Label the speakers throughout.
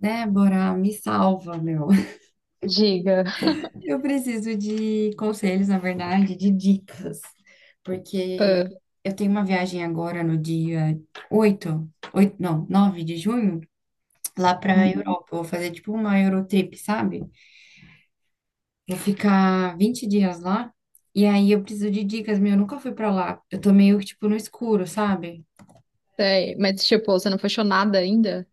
Speaker 1: Débora, me salva, meu.
Speaker 2: Diga.
Speaker 1: Eu preciso de conselhos, na verdade, de dicas, porque
Speaker 2: Ah,
Speaker 1: eu tenho uma viagem agora no dia 8, 8 não, 9 de junho, lá para a Europa. Eu vou fazer tipo uma Eurotrip, sabe? Vou ficar 20 dias lá, e aí eu preciso de dicas, meu. Eu nunca fui para lá. Eu tô meio que tipo no escuro, sabe?
Speaker 2: sei. Mas, tipo, você não fechou nada ainda?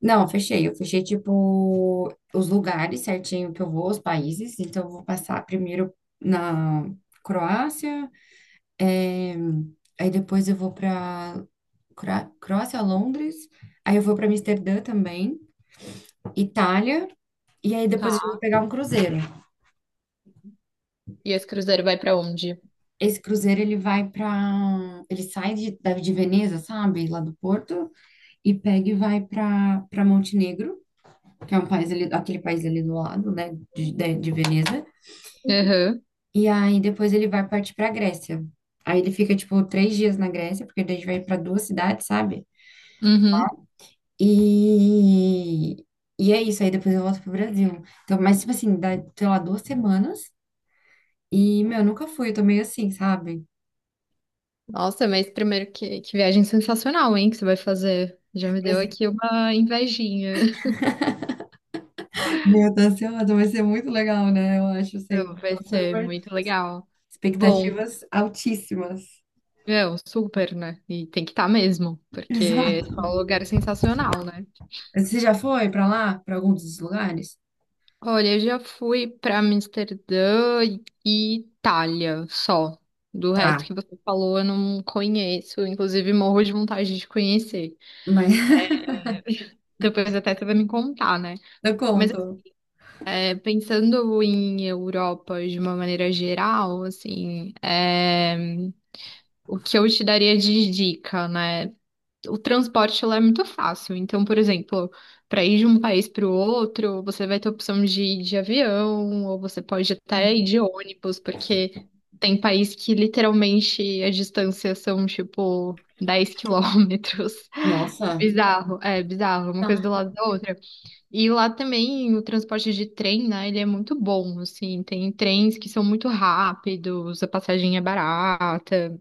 Speaker 1: Não, eu fechei. Eu fechei, tipo, os lugares certinho que eu vou, os países. Então, eu vou passar primeiro na Croácia, eh, aí depois eu vou para Croácia, Londres, aí eu vou para Amsterdã também, Itália, e aí depois eu vou
Speaker 2: Tá.
Speaker 1: pegar um cruzeiro.
Speaker 2: E esse cruzeiro vai pra onde?
Speaker 1: Esse cruzeiro, ele vai para... Ele sai de Veneza, sabe? Lá do Porto, e pega e vai para Montenegro, que é um país ali, aquele país ali do lado, né? De Veneza.
Speaker 2: Aham.
Speaker 1: E aí depois ele vai partir pra Grécia. Aí ele fica, tipo, 3 dias na Grécia, porque daí a gente vai pra duas cidades, sabe?
Speaker 2: Uhum.
Speaker 1: E, e é isso, aí depois eu volto pro Brasil. Então, mas, tipo assim, dá, sei lá, 2 semanas. E, meu, eu nunca fui, eu tô meio assim, sabe?
Speaker 2: Nossa, mas primeiro que viagem sensacional, hein, que você vai fazer. Já me deu
Speaker 1: Mas,
Speaker 2: aqui uma invejinha.
Speaker 1: meu, eu tô ansiosa, vai ser muito legal, né? Eu acho, assim,
Speaker 2: Não,
Speaker 1: tô
Speaker 2: vai ser
Speaker 1: super...
Speaker 2: muito legal. Bom,
Speaker 1: Expectativas altíssimas.
Speaker 2: meu, super, né? E tem que estar mesmo, porque é
Speaker 1: Exato.
Speaker 2: só um lugar sensacional, né?
Speaker 1: Você já foi pra lá, pra algum dos lugares?
Speaker 2: Olha, eu já fui para Amsterdã e Itália só. Do resto
Speaker 1: Tá,
Speaker 2: que você falou, eu não conheço. Inclusive, morro de vontade de conhecer.
Speaker 1: mas
Speaker 2: Depois até você vai me contar, né?
Speaker 1: eu
Speaker 2: Mas
Speaker 1: conto.
Speaker 2: é, pensando em Europa de uma maneira geral, assim, é, o que eu te daria de dica, né? O transporte lá é muito fácil. Então, por exemplo, para ir de um país para o outro, você vai ter a opção de ir de avião, ou você pode até ir
Speaker 1: É.
Speaker 2: de ônibus, porque tem país que literalmente as distâncias são tipo 10 km. É
Speaker 1: Nossa.
Speaker 2: bizarro, é bizarro, uma coisa
Speaker 1: Tá.
Speaker 2: do lado da outra. E lá também o transporte de trem, né, ele é muito bom, assim, tem trens que são muito rápidos, a passagem é barata,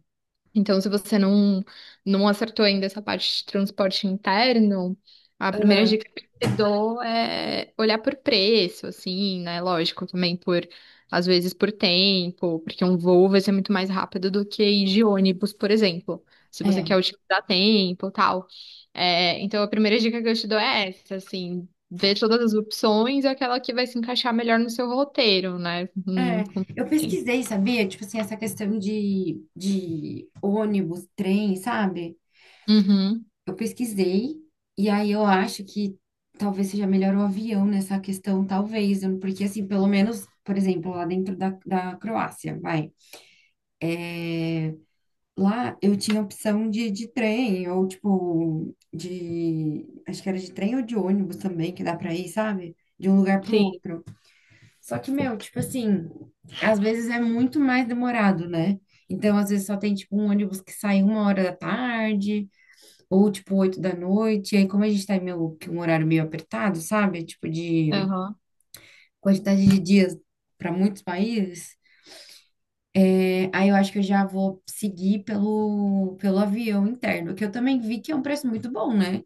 Speaker 2: então, se você não acertou ainda essa parte de transporte interno, a primeira dica que eu te dou é olhar por preço, assim, né? Lógico, também por, às vezes, por tempo, porque um voo vai ser muito mais rápido do que ir de ônibus, por exemplo, se você quer
Speaker 1: É.
Speaker 2: utilizar tempo e tal. É, então, a primeira dica que eu te dou é essa, assim, ver todas as opções e aquela que vai se encaixar melhor no seu roteiro, né?
Speaker 1: É, eu pesquisei, sabia? Tipo assim, essa questão de ônibus, trem, sabe?
Speaker 2: Uhum,
Speaker 1: Eu pesquisei, e aí eu acho que talvez seja melhor o avião nessa questão, talvez, porque assim, pelo menos, por exemplo, lá dentro da Croácia, vai. Lá eu tinha opção de trem, ou tipo, de. Acho que era de trem ou de ônibus também, que dá pra ir, sabe? De um lugar pro
Speaker 2: sim,
Speaker 1: outro. Só que, meu, tipo assim, às vezes é muito mais demorado, né? Então, às vezes só tem, tipo, um ônibus que sai 1 hora da tarde, ou, tipo, 8 da noite. E aí, como a gente tá em meio, que um horário meio apertado, sabe? Tipo, de
Speaker 2: aham.
Speaker 1: quantidade de dias para muitos países, é, aí eu acho que eu já vou seguir pelo avião interno, que eu também vi que é um preço muito bom, né?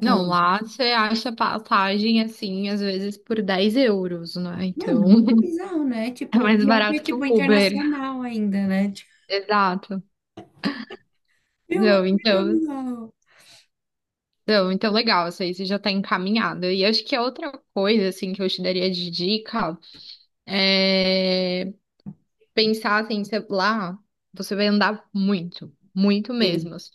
Speaker 2: Não, lá você acha passagem assim, às vezes por 10 euros, né?
Speaker 1: meu, é
Speaker 2: Então
Speaker 1: muito bizarro, né?
Speaker 2: é
Speaker 1: Tipo,
Speaker 2: mais
Speaker 1: pior que é,
Speaker 2: barato que
Speaker 1: tipo,
Speaker 2: o Uber.
Speaker 1: internacional ainda, né? Tipo,
Speaker 2: Exato.
Speaker 1: meu, é
Speaker 2: Não,
Speaker 1: muito
Speaker 2: então,
Speaker 1: bizarro.
Speaker 2: não, então legal, isso aí você já tá encaminhado. E acho que a outra coisa, assim, que eu te daria de dica é pensar assim, você, lá você vai andar muito, muito
Speaker 1: Sim.
Speaker 2: mesmo. Assim.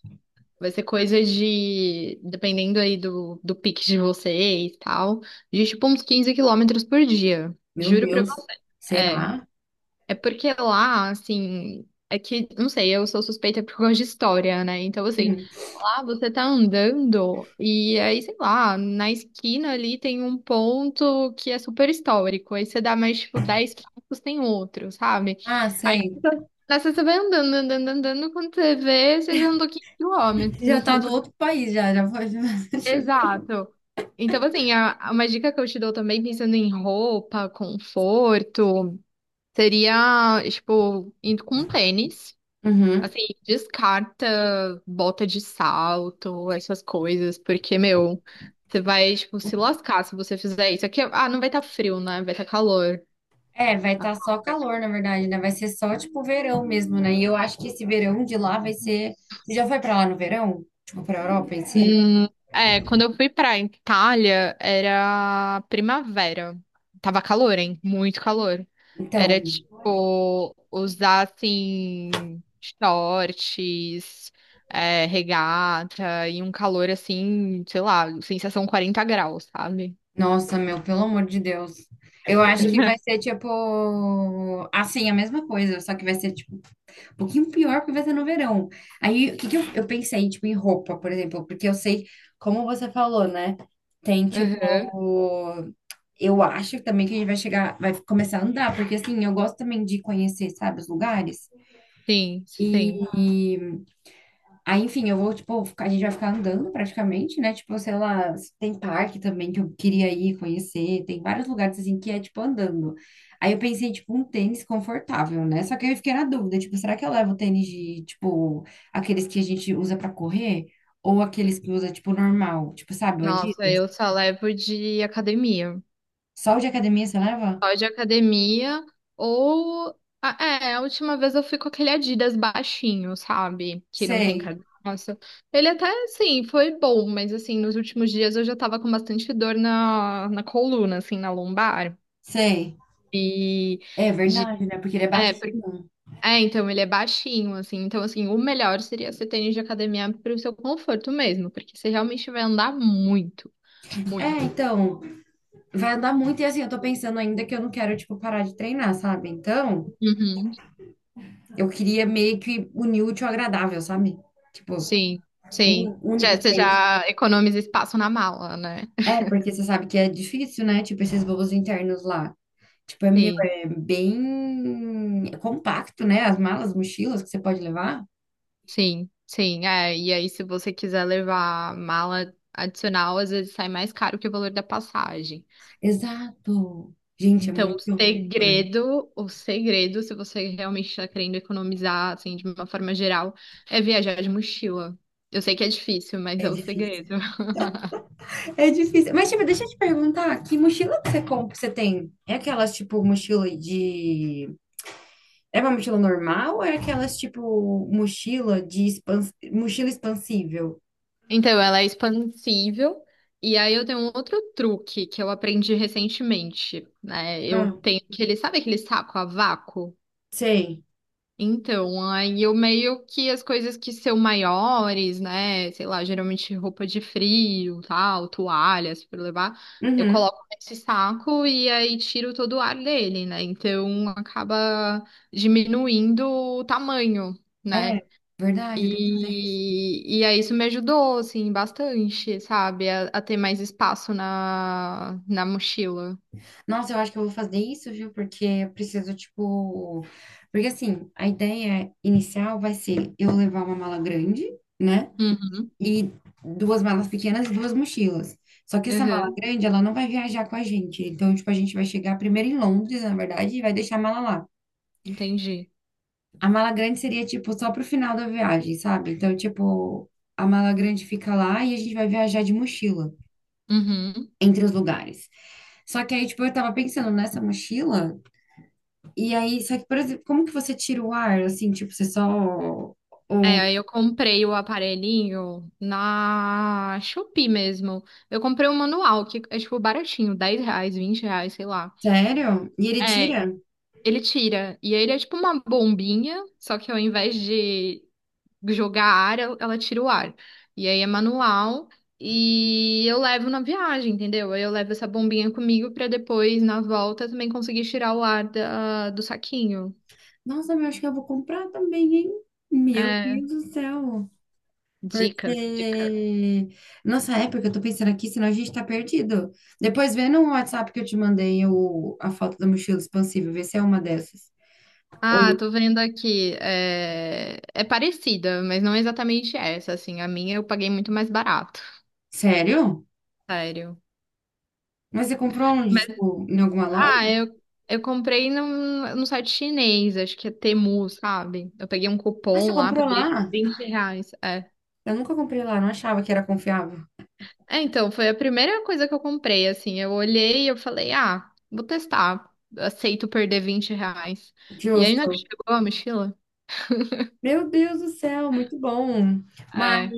Speaker 2: Vai ser coisa de, dependendo aí do pique de vocês e tal, de tipo uns 15 km por dia.
Speaker 1: Meu
Speaker 2: Juro pra
Speaker 1: Deus,
Speaker 2: você. É,
Speaker 1: será?
Speaker 2: É porque lá, assim, é que, não sei, eu sou suspeita por causa de história, né? Então, assim,
Speaker 1: Uhum.
Speaker 2: lá você tá andando e aí, sei lá, na esquina ali tem um ponto que é super histórico. Aí você dá mais, tipo, 10 passos, tem outro, sabe?
Speaker 1: Ah,
Speaker 2: Aí
Speaker 1: sei.
Speaker 2: nessa você vai andando, andando, andando, quando você vê, você já andou 15
Speaker 1: Já
Speaker 2: quilômetros.
Speaker 1: tá do outro país, já, já foi. Já chegou.
Speaker 2: Exato. Então, assim, uma dica que eu te dou também, pensando em roupa, conforto, seria, tipo, indo com tênis.
Speaker 1: Uhum.
Speaker 2: Assim, descarta bota de salto, essas coisas, porque, meu, você vai, tipo, se lascar se você fizer isso. Aqui, ah, não vai estar frio, né? Vai estar calor.
Speaker 1: É, vai estar só calor, na verdade, né? Vai ser só, tipo, verão mesmo, né? E eu acho que esse verão de lá vai ser... Você já foi pra lá no verão? Tipo, pra Europa em si?
Speaker 2: Hum, é, quando eu fui pra Itália, era primavera. Tava calor, hein? Muito calor.
Speaker 1: Então,
Speaker 2: Era, tipo, usar, assim, shorts, é, regata e um calor, assim, sei lá, sensação 40 graus, sabe?
Speaker 1: nossa, meu, pelo amor de Deus. Eu acho que vai ser, tipo, assim, a mesma coisa, só que vai ser, tipo, um pouquinho pior porque vai ser no verão. Aí, o que que eu pensei, tipo, em roupa, por exemplo, porque eu sei, como você falou, né? Tem, tipo,
Speaker 2: Uhum.
Speaker 1: eu acho também que a gente vai chegar, vai começar a andar, porque assim, eu gosto também de conhecer, sabe, os lugares.
Speaker 2: Sim, sim.
Speaker 1: E aí, enfim, eu vou, tipo, a gente vai ficar andando praticamente, né? Tipo, sei lá, tem parque também que eu queria ir conhecer, tem vários lugares assim que é, tipo, andando. Aí eu pensei, tipo, um tênis confortável, né? Só que eu fiquei na dúvida, tipo, será que eu levo tênis de, tipo, aqueles que a gente usa pra correr? Ou aqueles que usa, tipo, normal? Tipo, sabe, o
Speaker 2: Nossa,
Speaker 1: Adidas?
Speaker 2: eu só levo de academia.
Speaker 1: Só o de academia você leva?
Speaker 2: Só de academia ou. Ah, é, a última vez eu fui com aquele Adidas baixinho, sabe? Que não tem
Speaker 1: Sei,
Speaker 2: carcaça. Ele até, sim, foi bom, mas assim, nos últimos dias eu já tava com bastante dor na coluna, assim, na lombar.
Speaker 1: sei.
Speaker 2: E.
Speaker 1: É
Speaker 2: De...
Speaker 1: verdade, né? Porque ele é
Speaker 2: É,
Speaker 1: baixo.
Speaker 2: por- é, então ele é baixinho, assim. Então, assim, o melhor seria você ter tênis de academia para o seu conforto mesmo, porque você realmente vai andar muito.
Speaker 1: É,
Speaker 2: Muito.
Speaker 1: então, vai andar muito e assim, eu tô pensando ainda que eu não quero, tipo, parar de treinar, sabe? Então.
Speaker 2: Uhum.
Speaker 1: Eu queria meio que unir o útil ao agradável, sabe? Tipo,
Speaker 2: Sim, sim.
Speaker 1: um
Speaker 2: Já,
Speaker 1: único
Speaker 2: você
Speaker 1: tênis.
Speaker 2: já economiza espaço na mala, né?
Speaker 1: É, porque você sabe que é difícil, né? Tipo, esses voos internos lá. Tipo, é meu,
Speaker 2: Sim,
Speaker 1: é bem compacto, né? As malas, mochilas que você pode levar.
Speaker 2: sim, sim. É, e aí, se você quiser levar mala adicional, às vezes sai mais caro que o valor da passagem.
Speaker 1: Exato. Gente, é
Speaker 2: Então, o
Speaker 1: muito loucura.
Speaker 2: segredo, o segredo, se você realmente está querendo economizar, assim, de uma forma geral, é viajar de mochila. Eu sei que é difícil, mas
Speaker 1: É
Speaker 2: é o
Speaker 1: difícil.
Speaker 2: segredo.
Speaker 1: É difícil. Mas, tipo, deixa eu te perguntar, que mochila que você compra, que você tem? É aquelas, tipo, mochila de... É uma mochila normal ou é aquelas, tipo, mochila de expans... mochila expansível?
Speaker 2: Então, ela é expansível. E aí eu tenho um outro truque que eu aprendi recentemente, né? Eu tenho aquele, sabe aquele saco a vácuo?
Speaker 1: Sei.
Speaker 2: Então, aí eu meio que as coisas que são maiores, né? Sei lá, geralmente roupa de frio, tal, toalhas para levar, eu
Speaker 1: Uhum.
Speaker 2: coloco nesse saco e aí tiro todo o ar dele, né? Então acaba diminuindo o tamanho, né?
Speaker 1: É, verdade, eu tenho que fazer isso.
Speaker 2: E aí isso me ajudou, assim, bastante, sabe? A ter mais espaço na mochila.
Speaker 1: Nossa, eu acho que eu vou fazer isso, viu? Porque eu preciso, tipo. Porque assim, a ideia inicial vai ser eu levar uma mala grande, né?
Speaker 2: Uhum,
Speaker 1: E duas malas pequenas e duas mochilas. Só que essa mala
Speaker 2: uhum,
Speaker 1: grande, ela não vai viajar com a gente. Então, tipo, a gente vai chegar primeiro em Londres, na verdade, e vai deixar a mala lá.
Speaker 2: entendi.
Speaker 1: A mala grande seria, tipo, só pro final da viagem, sabe? Então, tipo, a mala grande fica lá e a gente vai viajar de mochila
Speaker 2: Uhum.
Speaker 1: entre os lugares. Só que aí, tipo, eu tava pensando nessa mochila, e aí, só que, por exemplo, como que você tira o ar, assim, tipo, você só...
Speaker 2: É,
Speaker 1: o
Speaker 2: aí eu comprei o aparelhinho na Shopee mesmo. Eu comprei um manual, que é tipo baratinho, R$ 10, R$ 20, sei lá.
Speaker 1: sério? E ele
Speaker 2: É,
Speaker 1: tira?
Speaker 2: ele tira. E aí ele é tipo uma bombinha, só que ao invés de, jogar ar, ela tira o ar. E aí é manual e eu levo na viagem, entendeu? Aí eu levo essa bombinha comigo pra depois, na volta, também conseguir tirar o ar do saquinho.
Speaker 1: Nossa, meu, acho que eu vou comprar também, hein? Meu
Speaker 2: É,
Speaker 1: Deus do céu.
Speaker 2: dicas, dicas.
Speaker 1: Porque, nossa época, eu tô pensando aqui, senão a gente tá perdido. Depois vê no WhatsApp que eu te mandei a foto da mochila expansível, vê se é uma dessas.
Speaker 2: Ah,
Speaker 1: Ou,
Speaker 2: tô vendo aqui. É, é parecida, mas não é exatamente essa, assim. A minha eu paguei muito mais barato,
Speaker 1: sério?
Speaker 2: sério.
Speaker 1: Mas você comprou onde?
Speaker 2: Mas,
Speaker 1: Tipo, em alguma loja?
Speaker 2: ah, eu, eu comprei num site chinês, acho que é Temu, sabe? Eu peguei um
Speaker 1: Ah, você
Speaker 2: cupom lá,
Speaker 1: comprou
Speaker 2: paguei
Speaker 1: lá?
Speaker 2: R$ 20. É.
Speaker 1: Eu nunca comprei lá, não achava que era confiável.
Speaker 2: É, então, foi a primeira coisa que eu comprei, assim. Eu olhei e eu falei, ah, vou testar. Aceito perder R$ 20. E aí, na que
Speaker 1: Justo.
Speaker 2: chegou a mochila?
Speaker 1: Meu Deus do céu, muito bom. Mas,
Speaker 2: É.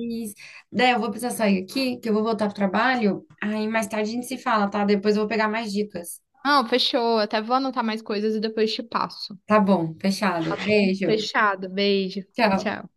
Speaker 1: Dé, eu vou precisar sair aqui, que eu vou voltar pro trabalho. Aí mais tarde a gente se fala, tá? Depois eu vou pegar mais dicas.
Speaker 2: Não, fechou. Até vou anotar mais coisas e depois te passo.
Speaker 1: Tá bom, fechado.
Speaker 2: Tá bom?
Speaker 1: Beijo.
Speaker 2: Fechado. Beijo.
Speaker 1: Tchau.
Speaker 2: Tchau.